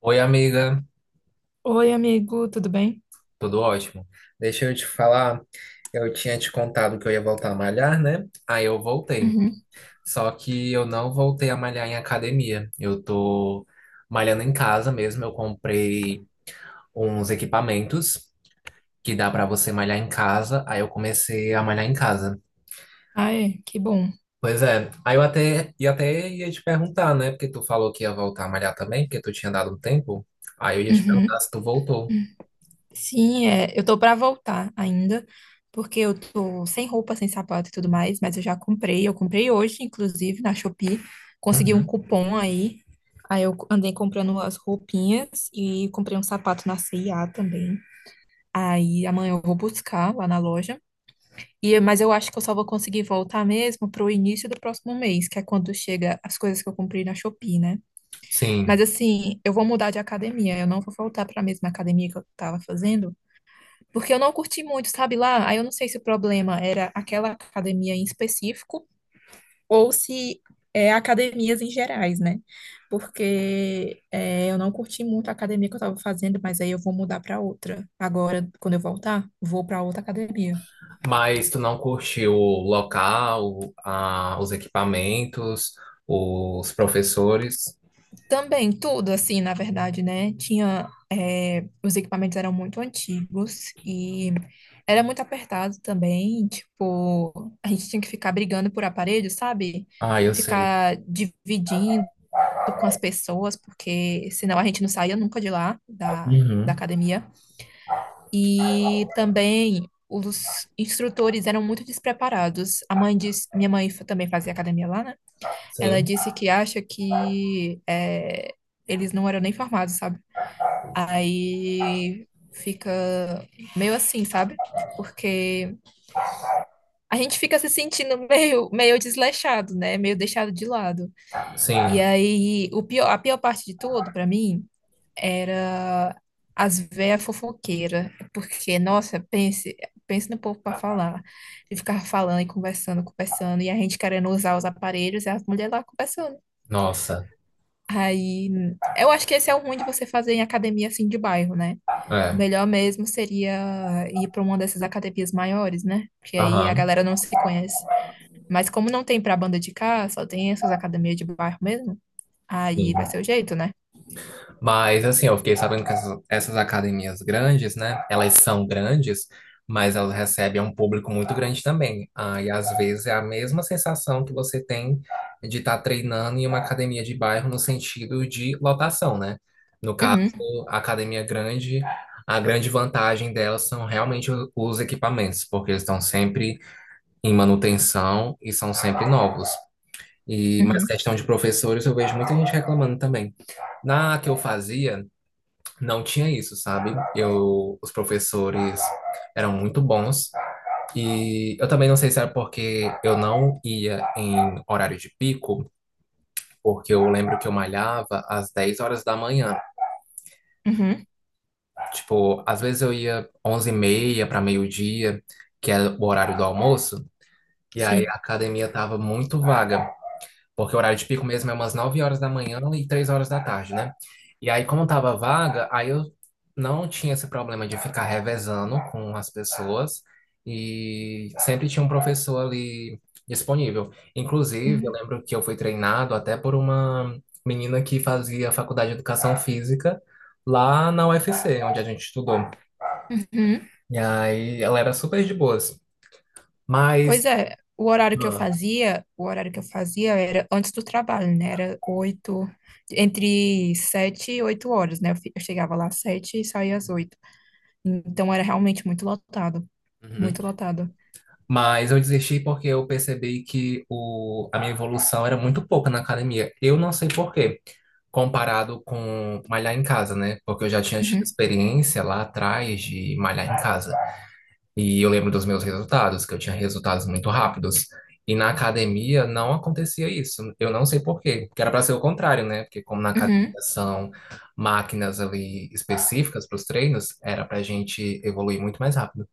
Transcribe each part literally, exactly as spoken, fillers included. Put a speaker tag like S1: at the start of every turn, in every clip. S1: Oi, amiga,
S2: Oi, amigo, tudo bem?
S1: tudo ótimo? Deixa eu te falar, eu tinha te contado que eu ia voltar a malhar, né? Aí eu voltei.
S2: Uhum.
S1: Só que eu não voltei a malhar em academia. Eu tô malhando em casa mesmo. Eu comprei uns equipamentos que dá pra você malhar em casa. Aí eu comecei a malhar em casa.
S2: Ai, que bom.
S1: Pois é, aí eu até, e até ia te perguntar, né? Porque tu falou que ia voltar a malhar também, porque tu tinha dado um tempo. Aí eu ia te perguntar
S2: Uhum.
S1: se tu voltou.
S2: Sim, é, eu tô pra voltar ainda, porque eu tô sem roupa, sem sapato e tudo mais, mas eu já comprei, eu comprei hoje, inclusive, na Shopee, consegui um
S1: Uhum.
S2: cupom aí, aí eu andei comprando as roupinhas e comprei um sapato na cê e á também, aí amanhã eu vou buscar lá na loja, e, mas eu acho que eu só vou conseguir voltar mesmo pro início do próximo mês, que é quando chega as coisas que eu comprei na Shopee, né? Mas
S1: Sim.
S2: assim, eu vou mudar de academia. Eu não vou voltar para a mesma academia que eu estava fazendo, porque eu não curti muito, sabe lá? Aí eu não sei se o problema era aquela academia em específico ou se é academias em gerais, né? Porque é, eu não curti muito a academia que eu estava fazendo, mas aí eu vou mudar para outra. Agora, quando eu voltar, vou para outra academia.
S1: Mas tu não curtiu o local, a- os equipamentos, os professores?
S2: Também, tudo assim, na verdade, né? Tinha, eh, os equipamentos eram muito antigos e era muito apertado também. Tipo, a gente tinha que ficar brigando por aparelho, sabe?
S1: Ah, eu sei.
S2: Ficar dividindo com as pessoas, porque senão a gente não saía nunca de lá, da, da
S1: Uhum.
S2: academia. E também os instrutores eram muito despreparados. A mãe disse, minha mãe também fazia academia lá, né? Ela
S1: Sim,
S2: disse que acha que é, eles não eram nem formados, sabe? Aí fica meio assim, sabe? Porque a gente fica se sentindo meio, meio desleixado, né? Meio deixado de lado. E
S1: sim.
S2: aí, o pior, a pior parte de tudo, pra mim, era as véias fofoqueiras. Porque, nossa, pense, pense no povo pra falar. E ficava falando e conversando, conversando. E a gente querendo usar os aparelhos e as mulheres lá conversando.
S1: Nossa,
S2: Aí, eu acho que esse é o ruim de você fazer em academia assim de bairro, né? O
S1: é.
S2: melhor mesmo seria ir para uma dessas academias maiores, né? Porque aí a
S1: Aham.
S2: galera não se conhece. Mas como não tem para banda de cá, só tem essas academias de bairro mesmo, aí vai ser o jeito, né?
S1: Mas assim, eu fiquei sabendo que essas, essas academias grandes, né? Elas são grandes, mas elas recebem um público muito grande também. Ah, e às vezes é a mesma sensação que você tem de estar treinando em uma academia de bairro no sentido de lotação, né? No caso,
S2: Uhum,
S1: a academia grande, a grande vantagem delas são realmente o- os equipamentos, porque eles estão sempre em manutenção e são sempre novos. E, mas
S2: uhum,
S1: questão de professores, eu vejo muita gente reclamando também. Na que eu fazia, não tinha isso, sabe? Eu, os professores eram muito bons. E eu também não sei se era porque eu não ia em horário de pico, porque eu lembro que eu malhava às dez horas da manhã.
S2: uhum,
S1: Tipo, às vezes eu ia onze e meia para meio-dia, que é o horário do almoço, e aí
S2: sim.
S1: a academia tava muito vaga. Porque o horário de pico mesmo é umas nove horas da manhã e três horas da tarde, né? E aí, como tava vaga, aí eu não tinha esse problema de ficar revezando com as pessoas e sempre tinha um professor ali disponível. Inclusive, eu
S2: Uhum,
S1: lembro que eu fui treinado até por uma menina que fazia faculdade de educação física lá na U F C, onde a gente estudou.
S2: uhum.
S1: E aí, ela era super de boas. Mas.
S2: Pois é, o horário que eu
S1: Ah.
S2: fazia, o horário que eu fazia era antes do trabalho, né? Era oito, entre sete e oito horas, né? Eu fi- eu chegava lá às sete e saía às oito. Então era realmente muito lotado,
S1: Uhum.
S2: muito lotado.
S1: Mas eu desisti porque eu percebi que o, a minha evolução era muito pouca na academia. Eu não sei por quê, comparado com malhar em casa, né? Porque eu já tinha tido
S2: Uhum,
S1: experiência lá atrás de malhar em casa. E eu lembro dos meus resultados, que eu tinha resultados muito rápidos. E na academia não acontecia isso. Eu não sei por quê. Que era para ser o contrário, né? Porque como na academia
S2: uhum,
S1: são máquinas ali específicas para os treinos, era para a gente evoluir muito mais rápido.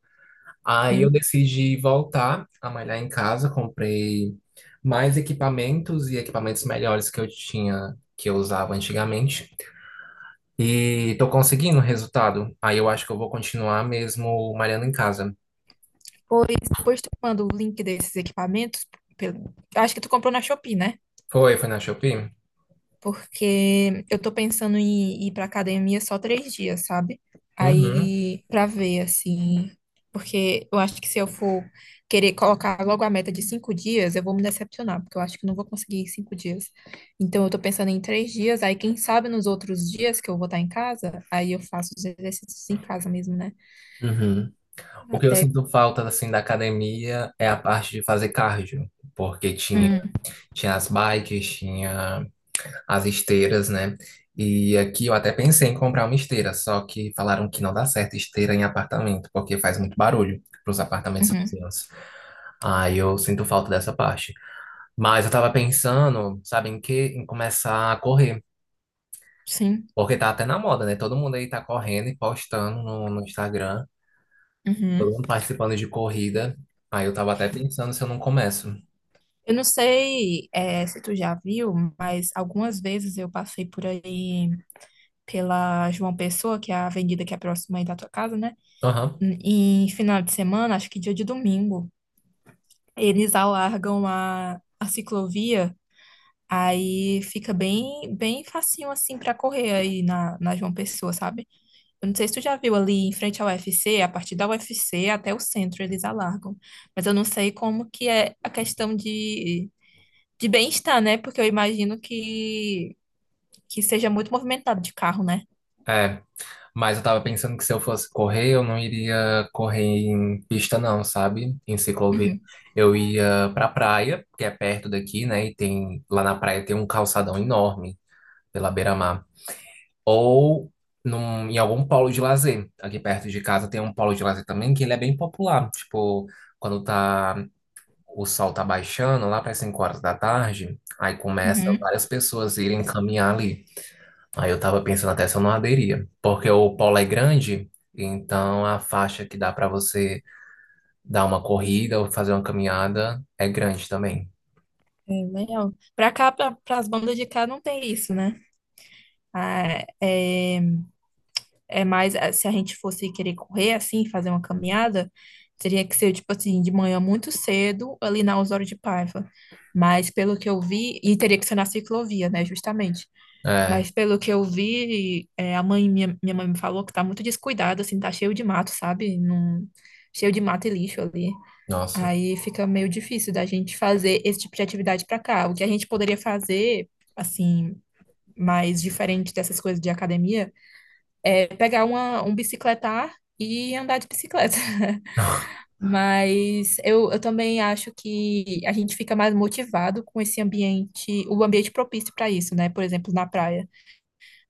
S1: Aí eu
S2: sim.
S1: decidi voltar a malhar em casa, comprei mais equipamentos e equipamentos melhores que eu tinha, que eu usava antigamente. E tô conseguindo o resultado. Aí eu acho que eu vou continuar mesmo malhando em casa.
S2: Pois depois tu manda o link desses equipamentos, pelo- acho que tu comprou na Shopee, né?
S1: Foi, foi na Shopee?
S2: Porque eu tô pensando em ir pra academia só três dias, sabe?
S1: Uhum.
S2: Aí, pra ver, assim, porque eu acho que se eu for querer colocar logo a meta de cinco dias, eu vou me decepcionar, porque eu acho que não vou conseguir em cinco dias. Então, eu tô pensando em três dias, aí quem sabe nos outros dias que eu vou estar em casa, aí eu faço os exercícios em casa mesmo, né?
S1: Uhum. O que eu
S2: Até.
S1: sinto falta assim da academia é a parte de fazer cardio, porque tinha
S2: Hum,
S1: tinha as bikes, tinha as esteiras, né? E aqui eu até pensei em comprar uma esteira, só que falaram que não dá certo esteira em apartamento, porque faz muito barulho para os apartamentos
S2: uhum,
S1: vizinhos. Aí eu sinto falta dessa parte. Mas eu tava pensando, sabe, em que em começar a correr,
S2: sim.
S1: porque tá até na moda, né? Todo mundo aí tá correndo e postando no, no Instagram,
S2: Uhum.
S1: todo mundo participando de corrida. Aí eu tava até pensando se eu não começo.
S2: Eu não sei, eh, se tu já viu, mas algumas vezes eu passei por aí pela João Pessoa, que é a avenida que é próxima aí da tua casa, né?
S1: Aham.
S2: Em final de semana, acho que dia de domingo, eles alargam a, a ciclovia, aí fica bem bem facinho assim para correr aí na, na João Pessoa, sabe? Eu não sei se tu já viu ali em frente ao U F C a partir da U F C até o centro eles alargam, mas eu não sei como que é a questão de, de bem-estar, né? Porque eu imagino que, que seja muito movimentado de carro, né?
S1: É, mas eu tava pensando que se eu fosse correr, eu não iria correr em pista não, sabe? Em ciclovia.
S2: Uhum,
S1: Eu ia pra praia, que é perto daqui, né? E tem lá na praia tem um calçadão enorme pela beira-mar. Ou num- em algum polo de lazer. Aqui perto de casa tem um polo de lazer também, que ele é bem popular. Tipo, quando tá o sol tá baixando, lá para cinco horas da tarde, aí começa
S2: uhum.
S1: várias pessoas irem caminhar ali. Aí eu tava pensando até se eu não aderia, porque o polo é grande, então a faixa que dá pra você dar uma corrida ou fazer uma caminhada é grande também.
S2: É, legal. Pra cá, pra, pras bandas de cá, não tem isso, né? Ah, é, é mais, ah, se a gente fosse querer correr, assim, fazer uma caminhada, teria que ser, tipo assim, de manhã muito cedo, ali na Osório de Paiva. Mas pelo que eu vi, e teria que ser na ciclovia, né, justamente.
S1: É,
S2: Mas pelo que eu vi, é, a mãe, minha, minha mãe me falou que tá muito descuidado, assim, tá cheio de mato, sabe? Não, cheio de mato e lixo ali.
S1: nossa.
S2: Aí fica meio difícil da gente fazer esse tipo de atividade para cá. O que a gente poderia fazer, assim, mais diferente dessas coisas de academia, é pegar uma, um bicicletar e andar de bicicleta. Mas eu, eu também acho que a gente fica mais motivado com esse ambiente, o ambiente propício para isso, né? Por exemplo, na praia.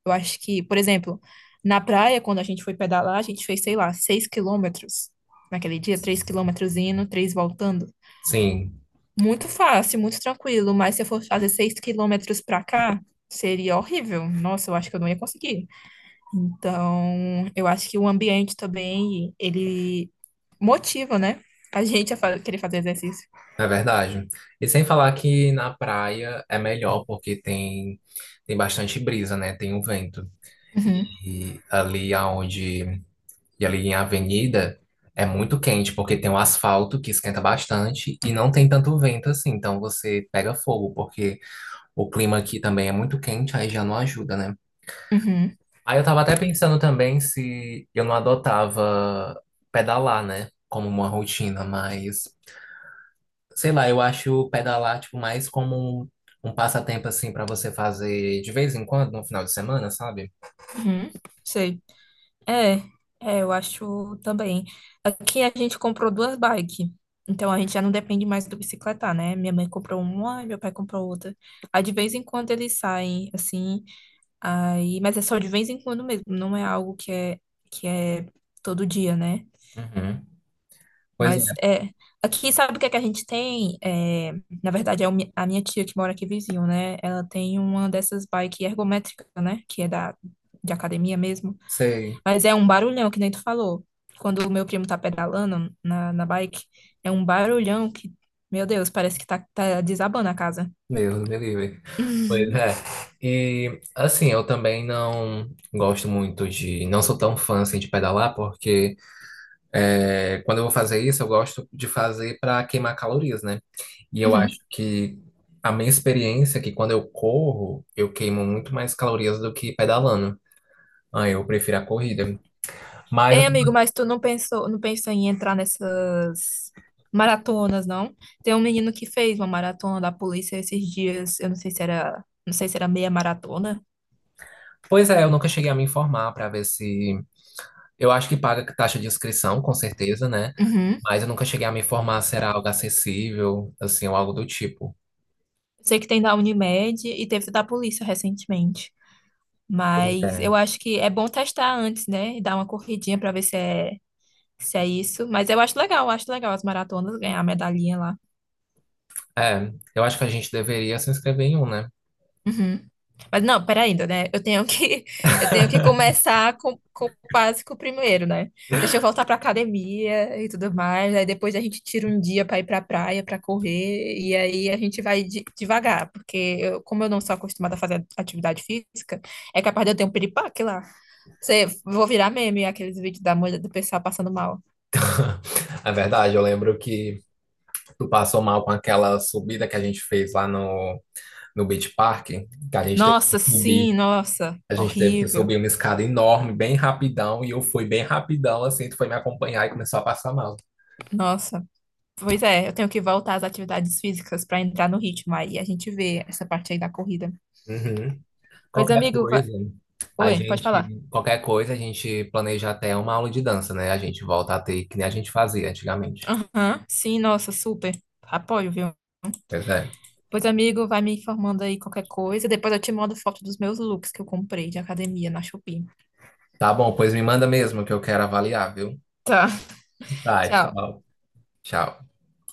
S2: Eu acho que, por exemplo, na praia, quando a gente foi pedalar, a gente fez, sei lá, seis quilômetros naquele dia, três quilômetros indo, três voltando.
S1: Sim,
S2: Muito fácil, muito tranquilo, mas se eu fosse fazer seis quilômetros pra cá, seria horrível. Nossa, eu acho que eu não ia conseguir. Então, eu acho que o ambiente também, ele motiva, né? A gente a fa- querer fazer exercício.
S1: é verdade. E sem falar que na praia é melhor porque tem tem bastante brisa, né? Tem um vento.
S2: Uhum,
S1: E ali aonde e ali em avenida é muito quente porque tem o asfalto que esquenta bastante e não tem tanto vento assim, então você pega fogo porque o clima aqui também é muito quente, aí já não ajuda, né?
S2: uhum,
S1: Aí eu tava até pensando também se eu não adotava pedalar, né? Como uma rotina, mas sei lá, eu acho pedalar tipo mais como um, um passatempo assim pra você fazer de vez em quando, no final de semana, sabe?
S2: uhum, sei. É, é, eu acho também. Aqui a gente comprou duas bikes, então a gente já não depende mais do bicicletar, né? Minha mãe comprou uma, e meu pai comprou outra. Aí de vez em quando eles saem, assim. Aí, mas é só de vez em quando mesmo, não é algo que é que é todo dia, né?
S1: Uhum. Pois é,
S2: Mas é aqui sabe o que é que a gente tem? É, na verdade é o mi- a minha tia que mora aqui vizinho, né? Ela tem uma dessas bike ergométrica, né? Que é da de academia mesmo,
S1: sei.
S2: mas é um barulhão que nem tu falou. Quando o meu primo tá pedalando na, na bike, é um barulhão que, meu Deus, parece que tá, tá desabando a casa.
S1: Deus me livre. Pois é. E assim, eu também não gosto muito de, não sou tão fã assim de pedalar porque é, quando eu vou fazer isso, eu gosto de fazer para queimar calorias, né? E eu acho que a minha experiência é que quando eu corro, eu queimo muito mais calorias do que pedalando. Ah, eu prefiro a corrida. Mas,
S2: Ei, amigo, mas tu não pensou, não pensou em entrar nessas maratonas, não? Tem um menino que fez uma maratona da polícia esses dias, eu não sei se era, não sei se era meia maratona.
S1: pois é, eu nunca cheguei a me informar para ver se. Eu acho que paga taxa de inscrição, com certeza, né?
S2: Uhum.
S1: Mas eu nunca cheguei a me informar se era algo acessível, assim, ou algo do tipo.
S2: Sei que tem da Unimed e teve da polícia recentemente.
S1: Pois
S2: Mas eu
S1: é.
S2: acho que é bom testar antes, né? E dar uma corridinha pra ver se é, se é isso. Mas eu acho legal, acho legal as maratonas ganhar a medalhinha lá.
S1: É, eu acho que a gente deveria se inscrever em um, né?
S2: Uhum. Mas não, peraí ainda, né? Eu tenho que, eu tenho que começar com, com o básico primeiro, né? Deixa eu voltar pra academia e tudo mais. Aí depois a gente tira um dia pra ir pra praia, pra correr. E aí a gente vai de- devagar, porque eu- como eu não sou acostumada a fazer atividade física, é capaz de eu ter um piripaque lá. Você, vou virar meme aqueles vídeos da mulher do pessoal passando mal.
S1: É verdade, eu lembro que tu passou mal com aquela subida que a gente fez lá no, no Beach Park, que a gente teve
S2: Nossa,
S1: que subir.
S2: sim, nossa,
S1: A gente teve que
S2: horrível.
S1: subir uma escada enorme, bem rapidão, e eu fui bem rapidão, assim, tu foi me acompanhar e começou a passar mal.
S2: Nossa. Pois é, eu tenho que voltar às atividades físicas para entrar no ritmo. Aí a gente vê essa parte aí da corrida.
S1: Uhum.
S2: Pois,
S1: Qualquer
S2: amigo, va-
S1: coisa, a
S2: Oi, pode falar.
S1: gente, qualquer coisa, a gente planeja até uma aula de dança, né? A gente volta a ter, que nem a gente fazia antigamente.
S2: Aham, sim, nossa, super. Apoio, viu?
S1: Pois é.
S2: Pois, amigo, vai me informando aí qualquer coisa. Depois eu te mando foto dos meus looks que eu comprei de academia na Shopee.
S1: Tá bom, pois me manda mesmo que eu quero avaliar, viu?
S2: Tá,
S1: Tá,
S2: tchau.
S1: tchau. Tchau.